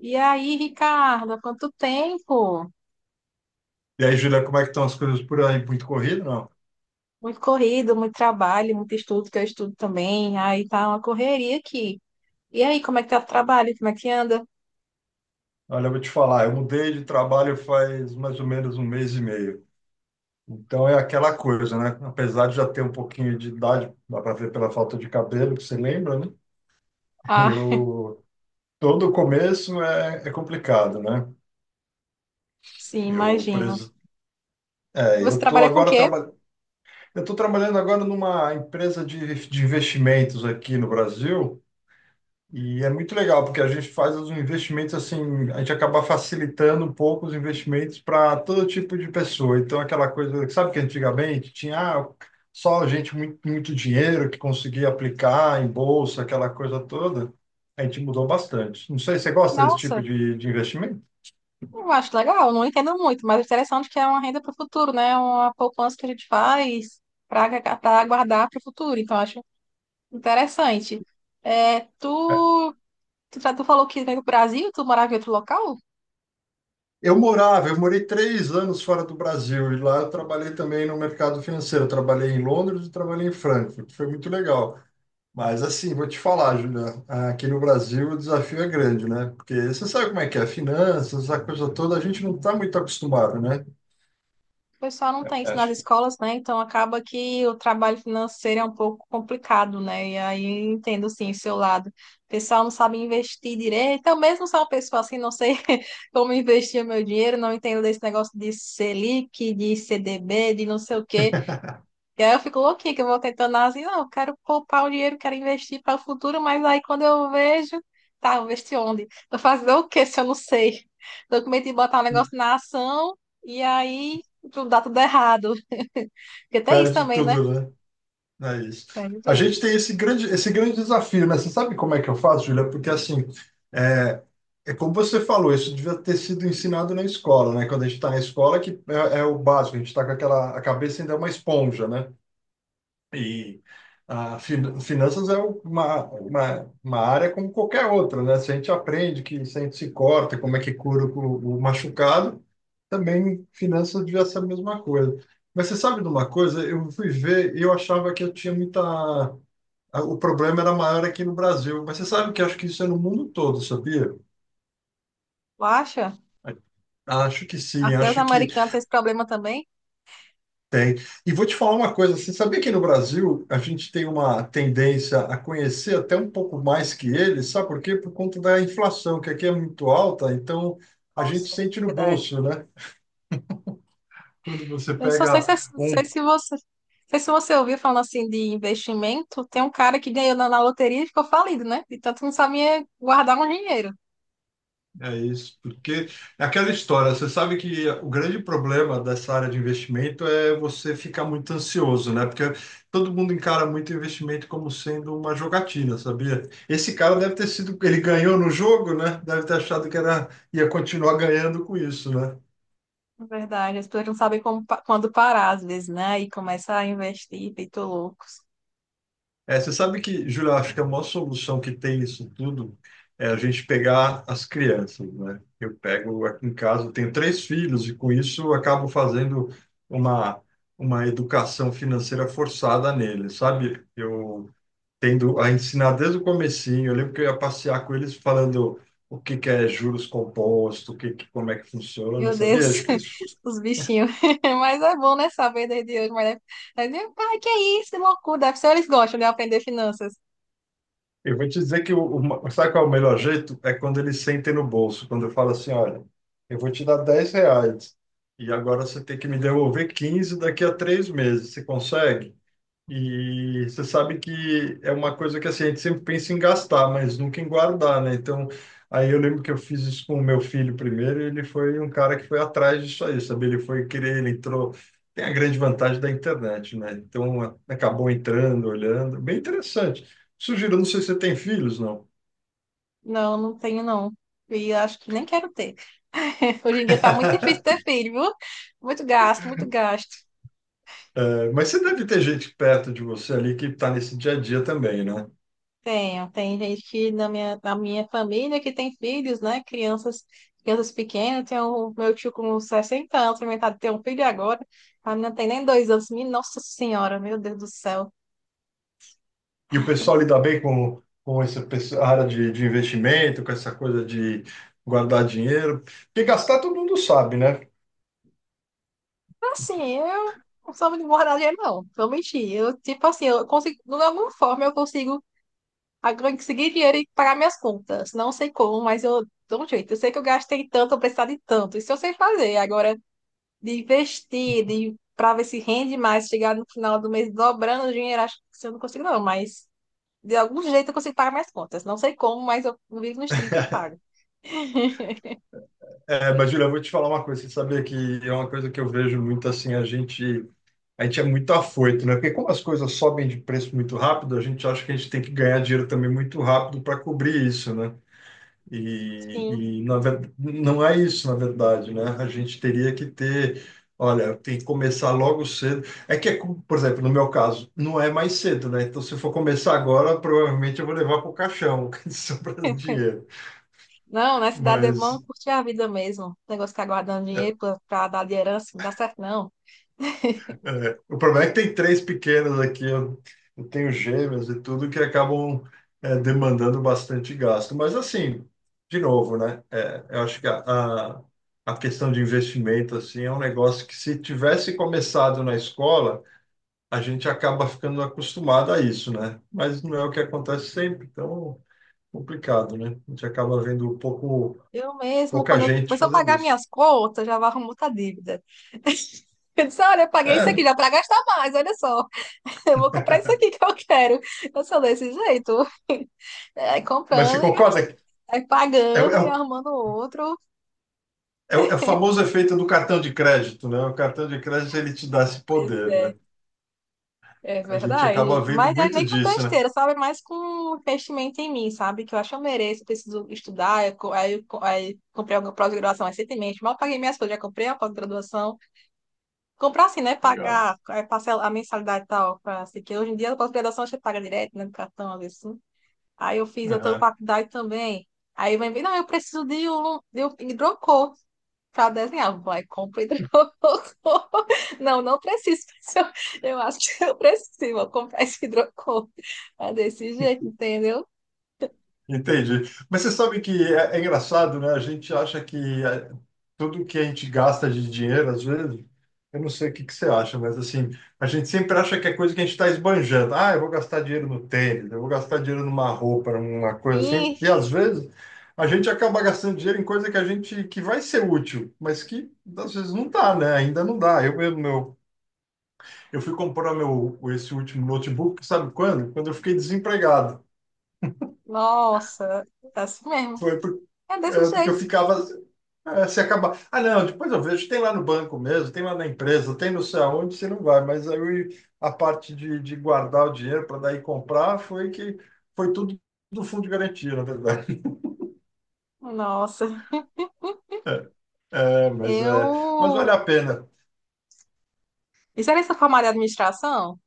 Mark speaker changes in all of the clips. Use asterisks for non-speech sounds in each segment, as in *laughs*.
Speaker 1: E aí, Ricardo, há quanto tempo?
Speaker 2: E aí, Julia, como é que estão as coisas por aí? Muito corrido, não?
Speaker 1: Muito corrido, muito trabalho, muito estudo, que eu estudo também. Aí tá uma correria aqui. E aí, como é que tá o trabalho? Como é que anda?
Speaker 2: Olha, eu vou te falar, eu mudei de trabalho faz mais ou menos um mês e meio. Então é aquela coisa, né? Apesar de já ter um pouquinho de idade, dá para ver pela falta de cabelo, que você lembra, né? *laughs*
Speaker 1: Ah,
Speaker 2: Eu Todo começo é complicado, né?
Speaker 1: sim,
Speaker 2: Eu
Speaker 1: imagino.
Speaker 2: preso, é,
Speaker 1: Você
Speaker 2: eu tô
Speaker 1: trabalha com o
Speaker 2: agora
Speaker 1: quê?
Speaker 2: traba... eu tô trabalhando agora numa empresa de investimentos aqui no Brasil. E é muito legal, porque a gente faz os investimentos assim, a gente acaba facilitando um pouco os investimentos para todo tipo de pessoa. Então, aquela coisa, sabe que antigamente tinha só gente muito, muito dinheiro que conseguia aplicar em bolsa, aquela coisa toda. A gente mudou bastante. Não sei, você gosta desse tipo
Speaker 1: Nossa,
Speaker 2: de investimento?
Speaker 1: eu acho legal, não entendo muito, mas é interessante é que é uma renda para o futuro, né? Uma poupança que a gente faz para guardar para o futuro. Então, eu acho interessante. É, tu falou que veio do Brasil, tu morava em outro local?
Speaker 2: Eu morava, eu morei 3 anos fora do Brasil e lá eu trabalhei também no mercado financeiro. Eu trabalhei em Londres e trabalhei em Frankfurt. Foi muito legal. Mas assim, vou te falar, Julia, aqui no Brasil o desafio é grande, né? Porque você sabe como é que é, finanças, essa coisa toda, a gente não está muito acostumado, né?
Speaker 1: O pessoal não tem isso nas
Speaker 2: Acho que
Speaker 1: escolas, né? Então acaba que o trabalho financeiro é um pouco complicado, né? E aí eu entendo sim o seu lado. O pessoal não sabe investir direito. Eu mesmo sou uma pessoa assim, não sei *laughs* como investir o meu dinheiro, não entendo desse negócio de Selic, de CDB, de não sei o quê. E aí eu fico louquinha que eu vou tentando assim, não, eu quero poupar o dinheiro, quero investir para o futuro, mas aí quando eu vejo, tá, vou investir onde? Vou fazer o quê se eu não sei? Tô com medo de botar um negócio na ação e aí tudo dá tudo errado. *laughs* Porque tem isso
Speaker 2: perde
Speaker 1: também, né?
Speaker 2: tudo, né? É isso.
Speaker 1: Perde
Speaker 2: A
Speaker 1: tudo.
Speaker 2: gente tem esse grande desafio, né? Você sabe como é que eu faço, Julia? Porque assim, é, é como você falou, isso devia ter sido ensinado na escola, né? Quando a gente está na escola, que é o básico, a gente está com aquela, a cabeça ainda é uma esponja, né? E finanças é uma área como qualquer outra, né? Se a gente aprende que se a gente se corta, como é que cura o machucado, também finanças devia ser a mesma coisa. Mas você sabe de uma coisa? Eu fui ver e eu achava que eu tinha muita... O problema era maior aqui no Brasil. Mas você sabe que eu acho que isso é no mundo todo, sabia?
Speaker 1: Tu acha?
Speaker 2: Acho que sim,
Speaker 1: Até os
Speaker 2: acho que.
Speaker 1: americanos têm esse problema também?
Speaker 2: Tem. E vou te falar uma coisa, assim, sabia que no Brasil a gente tem uma tendência a conhecer até um pouco mais que eles, sabe por quê? Por conta da inflação, que aqui é muito alta, então a gente
Speaker 1: Nossa,
Speaker 2: sente no
Speaker 1: verdade.
Speaker 2: bolso, né? Quando você
Speaker 1: Eu só
Speaker 2: pega
Speaker 1: sei
Speaker 2: um.
Speaker 1: se você. Sei se você ouviu falando assim de investimento, tem um cara que ganhou na loteria e ficou falido, né? De tanto que não sabia guardar um dinheiro.
Speaker 2: É isso, porque é aquela história, você sabe que o grande problema dessa área de investimento é você ficar muito ansioso, né? Porque todo mundo encara muito investimento como sendo uma jogatina, sabia? Esse cara deve ter sido, ele ganhou no jogo, né? Deve ter achado que era, ia continuar ganhando com isso, né?
Speaker 1: É verdade, as pessoas não sabem quando parar, às vezes, né? E começa a investir, feito loucos.
Speaker 2: É, você sabe que, Júlio, eu acho que a maior solução que tem isso tudo é a gente pegar as crianças, né? Eu pego aqui em casa, eu tenho 3 filhos e com isso eu acabo fazendo uma, uma educação financeira forçada neles, sabe? Eu tendo a ensinar desde o comecinho, eu lembro que eu ia passear com eles falando o que que é juros compostos, o que, como é que funciona,
Speaker 1: Meu Deus,
Speaker 2: sabia? Acho que isso.
Speaker 1: *laughs* os bichinhos. *laughs* Mas é bom, né? Saber desde hoje. Mas pai que é isso, que loucura. Deve ser eles gostam de aprender finanças.
Speaker 2: Eu vou te dizer que o sabe qual é o melhor jeito? É quando eles sentem no bolso, quando eu falo assim, olha, eu vou te dar R$ 10 e agora você tem que me devolver 15 daqui a 3 meses. Você consegue? E você sabe que é uma coisa que assim, a gente sempre pensa em gastar, mas nunca em guardar, né? Então, aí eu lembro que eu fiz isso com o meu filho primeiro, e ele foi um cara que foi atrás disso aí, sabe? Ele foi querer, ele entrou. Tem a grande vantagem da internet, né? Então, acabou entrando, olhando. Bem interessante. Sugiro, não sei se você tem filhos, não.
Speaker 1: Não, não tenho, não. E acho que nem quero ter. *laughs* Hoje em dia tá muito difícil ter
Speaker 2: *laughs*
Speaker 1: filho, viu? Muito gasto, muito gasto.
Speaker 2: É, mas você deve ter gente perto de você ali que está nesse dia a dia também, né?
Speaker 1: Tenho, tem gente que na minha família que tem filhos, né? Crianças, crianças pequenas, tem o meu tio com 60 anos, experimentado ter um filho agora. A menina tem nem dois anos. Minha Nossa Senhora, meu Deus do céu.
Speaker 2: E o pessoal lida bem com essa área de investimento, com essa coisa de guardar dinheiro. Porque gastar todo mundo sabe, né?
Speaker 1: Assim, eu não sou muito moradia, não. Vou mentir. Eu, tipo assim, eu consigo, de alguma forma, conseguir dinheiro e pagar minhas contas. Não sei como, mas eu dou um jeito. Eu sei que eu gastei tanto, eu precisava de tanto. Isso eu sei fazer. Agora. De investir, de para ver se rende mais, chegar no final do mês dobrando o dinheiro, acho que eu não consigo, não, mas de algum jeito eu consigo pagar minhas contas. Não sei como, mas eu vivo nos 30 e
Speaker 2: *laughs*
Speaker 1: pago. *laughs*
Speaker 2: É, mas, Julia, eu vou te falar uma coisa. Você sabia que é uma coisa que eu vejo muito assim, a gente é muito afoito, né? Porque como as coisas sobem de preço muito rápido, a gente acha que a gente tem que ganhar dinheiro também muito rápido para cobrir isso, né? E,
Speaker 1: Sim.
Speaker 2: e não é isso, na verdade, né? A gente teria que ter, olha, tem que começar logo cedo. É que, por exemplo, no meu caso, não é mais cedo, né? Então, se eu for começar agora, provavelmente eu vou levar para o caixão, *laughs* sobrando dinheiro.
Speaker 1: Não, na cidade é bom
Speaker 2: Mas
Speaker 1: curtir a vida mesmo. O negócio de ficar guardando dinheiro para dar de herança, não dá certo, não.
Speaker 2: é, o problema é que tem 3 pequenos aqui, eu tenho gêmeos e tudo que acabam demandando bastante gasto. Mas assim, de novo, né? É, eu acho que a, a questão de investimento assim é um negócio que se tivesse começado na escola, a gente acaba ficando acostumado a isso, né? Mas não é o que acontece sempre, então complicado, né? A gente acaba vendo pouco,
Speaker 1: Eu mesmo,
Speaker 2: pouca
Speaker 1: quando eu
Speaker 2: gente
Speaker 1: começar a
Speaker 2: fazendo
Speaker 1: pagar
Speaker 2: isso.
Speaker 1: minhas contas, já vou arrumar outra dívida. *laughs* Eu disse, olha, eu paguei
Speaker 2: É,
Speaker 1: isso aqui
Speaker 2: né?
Speaker 1: já para gastar mais, olha só. Eu vou comprar isso aqui que eu quero. Eu sou desse jeito. *laughs* É,
Speaker 2: Mas você
Speaker 1: comprando e gastando.
Speaker 2: concorda? Que.
Speaker 1: Vai
Speaker 2: É,
Speaker 1: pagando e
Speaker 2: é
Speaker 1: arrumando outro.
Speaker 2: é o famoso efeito do cartão de crédito, né? O cartão de crédito ele te dá esse
Speaker 1: Pois
Speaker 2: poder, né?
Speaker 1: é, é
Speaker 2: A gente acaba
Speaker 1: verdade.
Speaker 2: vendo
Speaker 1: Mas é
Speaker 2: muito
Speaker 1: nem com
Speaker 2: disso, né?
Speaker 1: besteira, sabe? É mais com investimento em mim, sabe? Que eu acho que eu mereço, preciso estudar. Aí comprei alguma pós-graduação recentemente. Mal paguei minhas coisas, já comprei a pós-graduação. Comprar assim, né?
Speaker 2: Legal.
Speaker 1: Pagar é, parcela, a mensalidade e tal. Assim, que hoje em dia a pós-graduação você paga direto, né? No cartão, às vezes. Assim. Eu tô
Speaker 2: Aham.
Speaker 1: faculdade também. Aí vem, não, eu preciso de um hidrocor para desenhar. Vai, compra e hidrocor. *laughs* Não, não preciso. Pessoal. Eu acho que eu preciso. Vou comprar esse hidrocor. É desse jeito, entendeu?
Speaker 2: Entendi. Mas você sabe que é engraçado, né? A gente acha que tudo que a gente gasta de dinheiro, às vezes, eu não sei o que que você acha, mas assim, a gente sempre acha que é coisa que a gente está esbanjando. Ah, eu vou gastar dinheiro no tênis, eu vou gastar dinheiro numa roupa, numa coisa assim.
Speaker 1: Ih,
Speaker 2: E às vezes a gente acaba gastando dinheiro em coisa que a gente que vai ser útil, mas que às vezes não dá, né? Ainda não dá. Eu mesmo, meu, eu fui comprar meu esse último notebook, sabe quando? Quando eu fiquei desempregado.
Speaker 1: nossa, é assim mesmo.
Speaker 2: Foi por-
Speaker 1: É desse
Speaker 2: é, porque eu
Speaker 1: jeito.
Speaker 2: ficava. É, se acabar. Ah, não, depois eu vejo. Tem lá no banco mesmo, tem lá na empresa, tem não sei aonde, você não vai. Mas aí a parte de guardar o dinheiro para daí comprar foi que foi tudo do fundo de garantia, na verdade. *laughs*
Speaker 1: Nossa,
Speaker 2: É, mas, mas vale
Speaker 1: eu.
Speaker 2: a pena.
Speaker 1: Isso era essa formada de administração?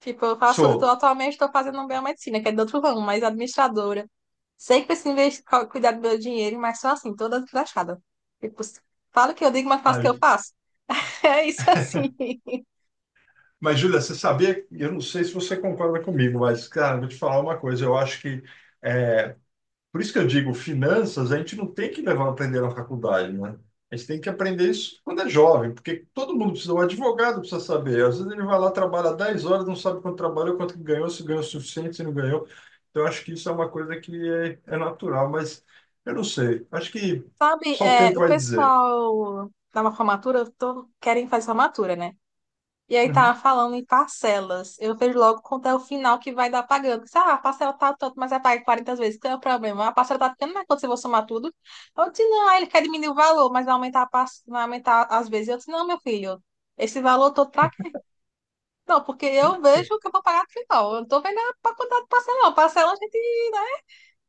Speaker 1: Tipo, eu faço, eu tô,
Speaker 2: Sou.
Speaker 1: atualmente estou fazendo biomedicina, que é de outro ramo, mas administradora. Sei que preciso investir, cuidar do meu dinheiro, mas só assim, toda desgraçada. Tipo, falo o que eu digo, mas faço o
Speaker 2: Ah,
Speaker 1: que eu faço. *laughs* É isso assim.
Speaker 2: mas, Júlia, você sabia? Eu não sei se você concorda comigo, mas, cara, vou te falar uma coisa. Eu acho que. É, por isso que eu digo, finanças, a gente não tem que levar a aprender na faculdade, né? A gente tem que aprender isso quando é jovem, porque todo mundo precisa, o advogado precisa saber. Às vezes ele vai lá, trabalha 10 horas, não sabe quanto trabalhou, quanto que ganhou, se ganhou o suficiente, se não ganhou. Então, eu acho que isso é uma coisa que é natural, mas eu não sei. Acho que
Speaker 1: Sabe,
Speaker 2: só o
Speaker 1: é,
Speaker 2: tempo
Speaker 1: o
Speaker 2: vai dizer.
Speaker 1: pessoal da uma formatura, eu tô, querem fazer formatura, né? E aí tava
Speaker 2: Uhum.
Speaker 1: falando em parcelas. Eu vejo logo quanto é o final que vai dar pagando. Disse, ah, a parcela tá tanto, mas vai pagar 40 vezes. Qual é o problema? A parcela tá ficando, mas quando você for somar tudo. Eu disse, não, aí ele quer diminuir o valor, mas vai aumentar, vai aumentar as vezes. Eu disse, não, meu filho, esse valor todo pra quê? Não, porque eu vejo que eu vou pagar no final. Eu não tô vendo a quantidade de parcela, não. Parcela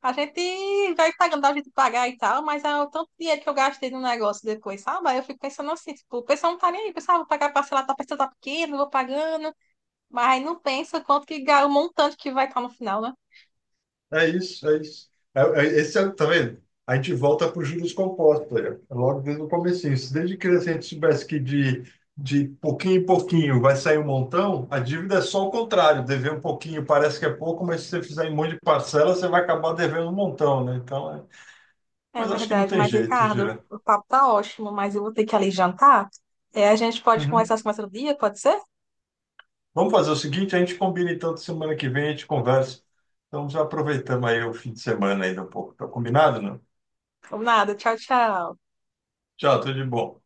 Speaker 1: a gente vai pagando, dá jeito de pagar e tal, mas é o tanto de dinheiro que eu gastei no negócio depois, sabe? Aí eu fico pensando assim, tipo, o pessoal não tá nem aí, o pessoal, ah, vou pagar parcelado, tá a parcela tá pequeno, vou pagando, mas não pensa quanto que, o montante que vai estar no final, né?
Speaker 2: É isso, é isso. Esse é, tá vendo? A gente volta para os juros compostos, olha, logo desde o comecinho. Se desde criança a gente soubesse que de pouquinho em pouquinho vai sair um montão, a dívida é só o contrário. Dever um pouquinho parece que é pouco, mas se você fizer em um monte de parcela, você vai acabar devendo um montão, né? Então, é...
Speaker 1: É
Speaker 2: Mas acho que não
Speaker 1: verdade,
Speaker 2: tem
Speaker 1: mas
Speaker 2: jeito,
Speaker 1: Ricardo,
Speaker 2: Gira.
Speaker 1: o papo tá ótimo, mas eu vou ter que ali jantar. É, a gente pode
Speaker 2: Uhum.
Speaker 1: conversar assim mais outro dia, pode ser?
Speaker 2: Vamos fazer o seguinte, a gente combina então de semana que vem, a gente conversa. Então já aproveitamos aí o fim de semana ainda um pouco. Tá combinado, não?
Speaker 1: Ou nada, tchau, tchau.
Speaker 2: Tchau, tudo de bom.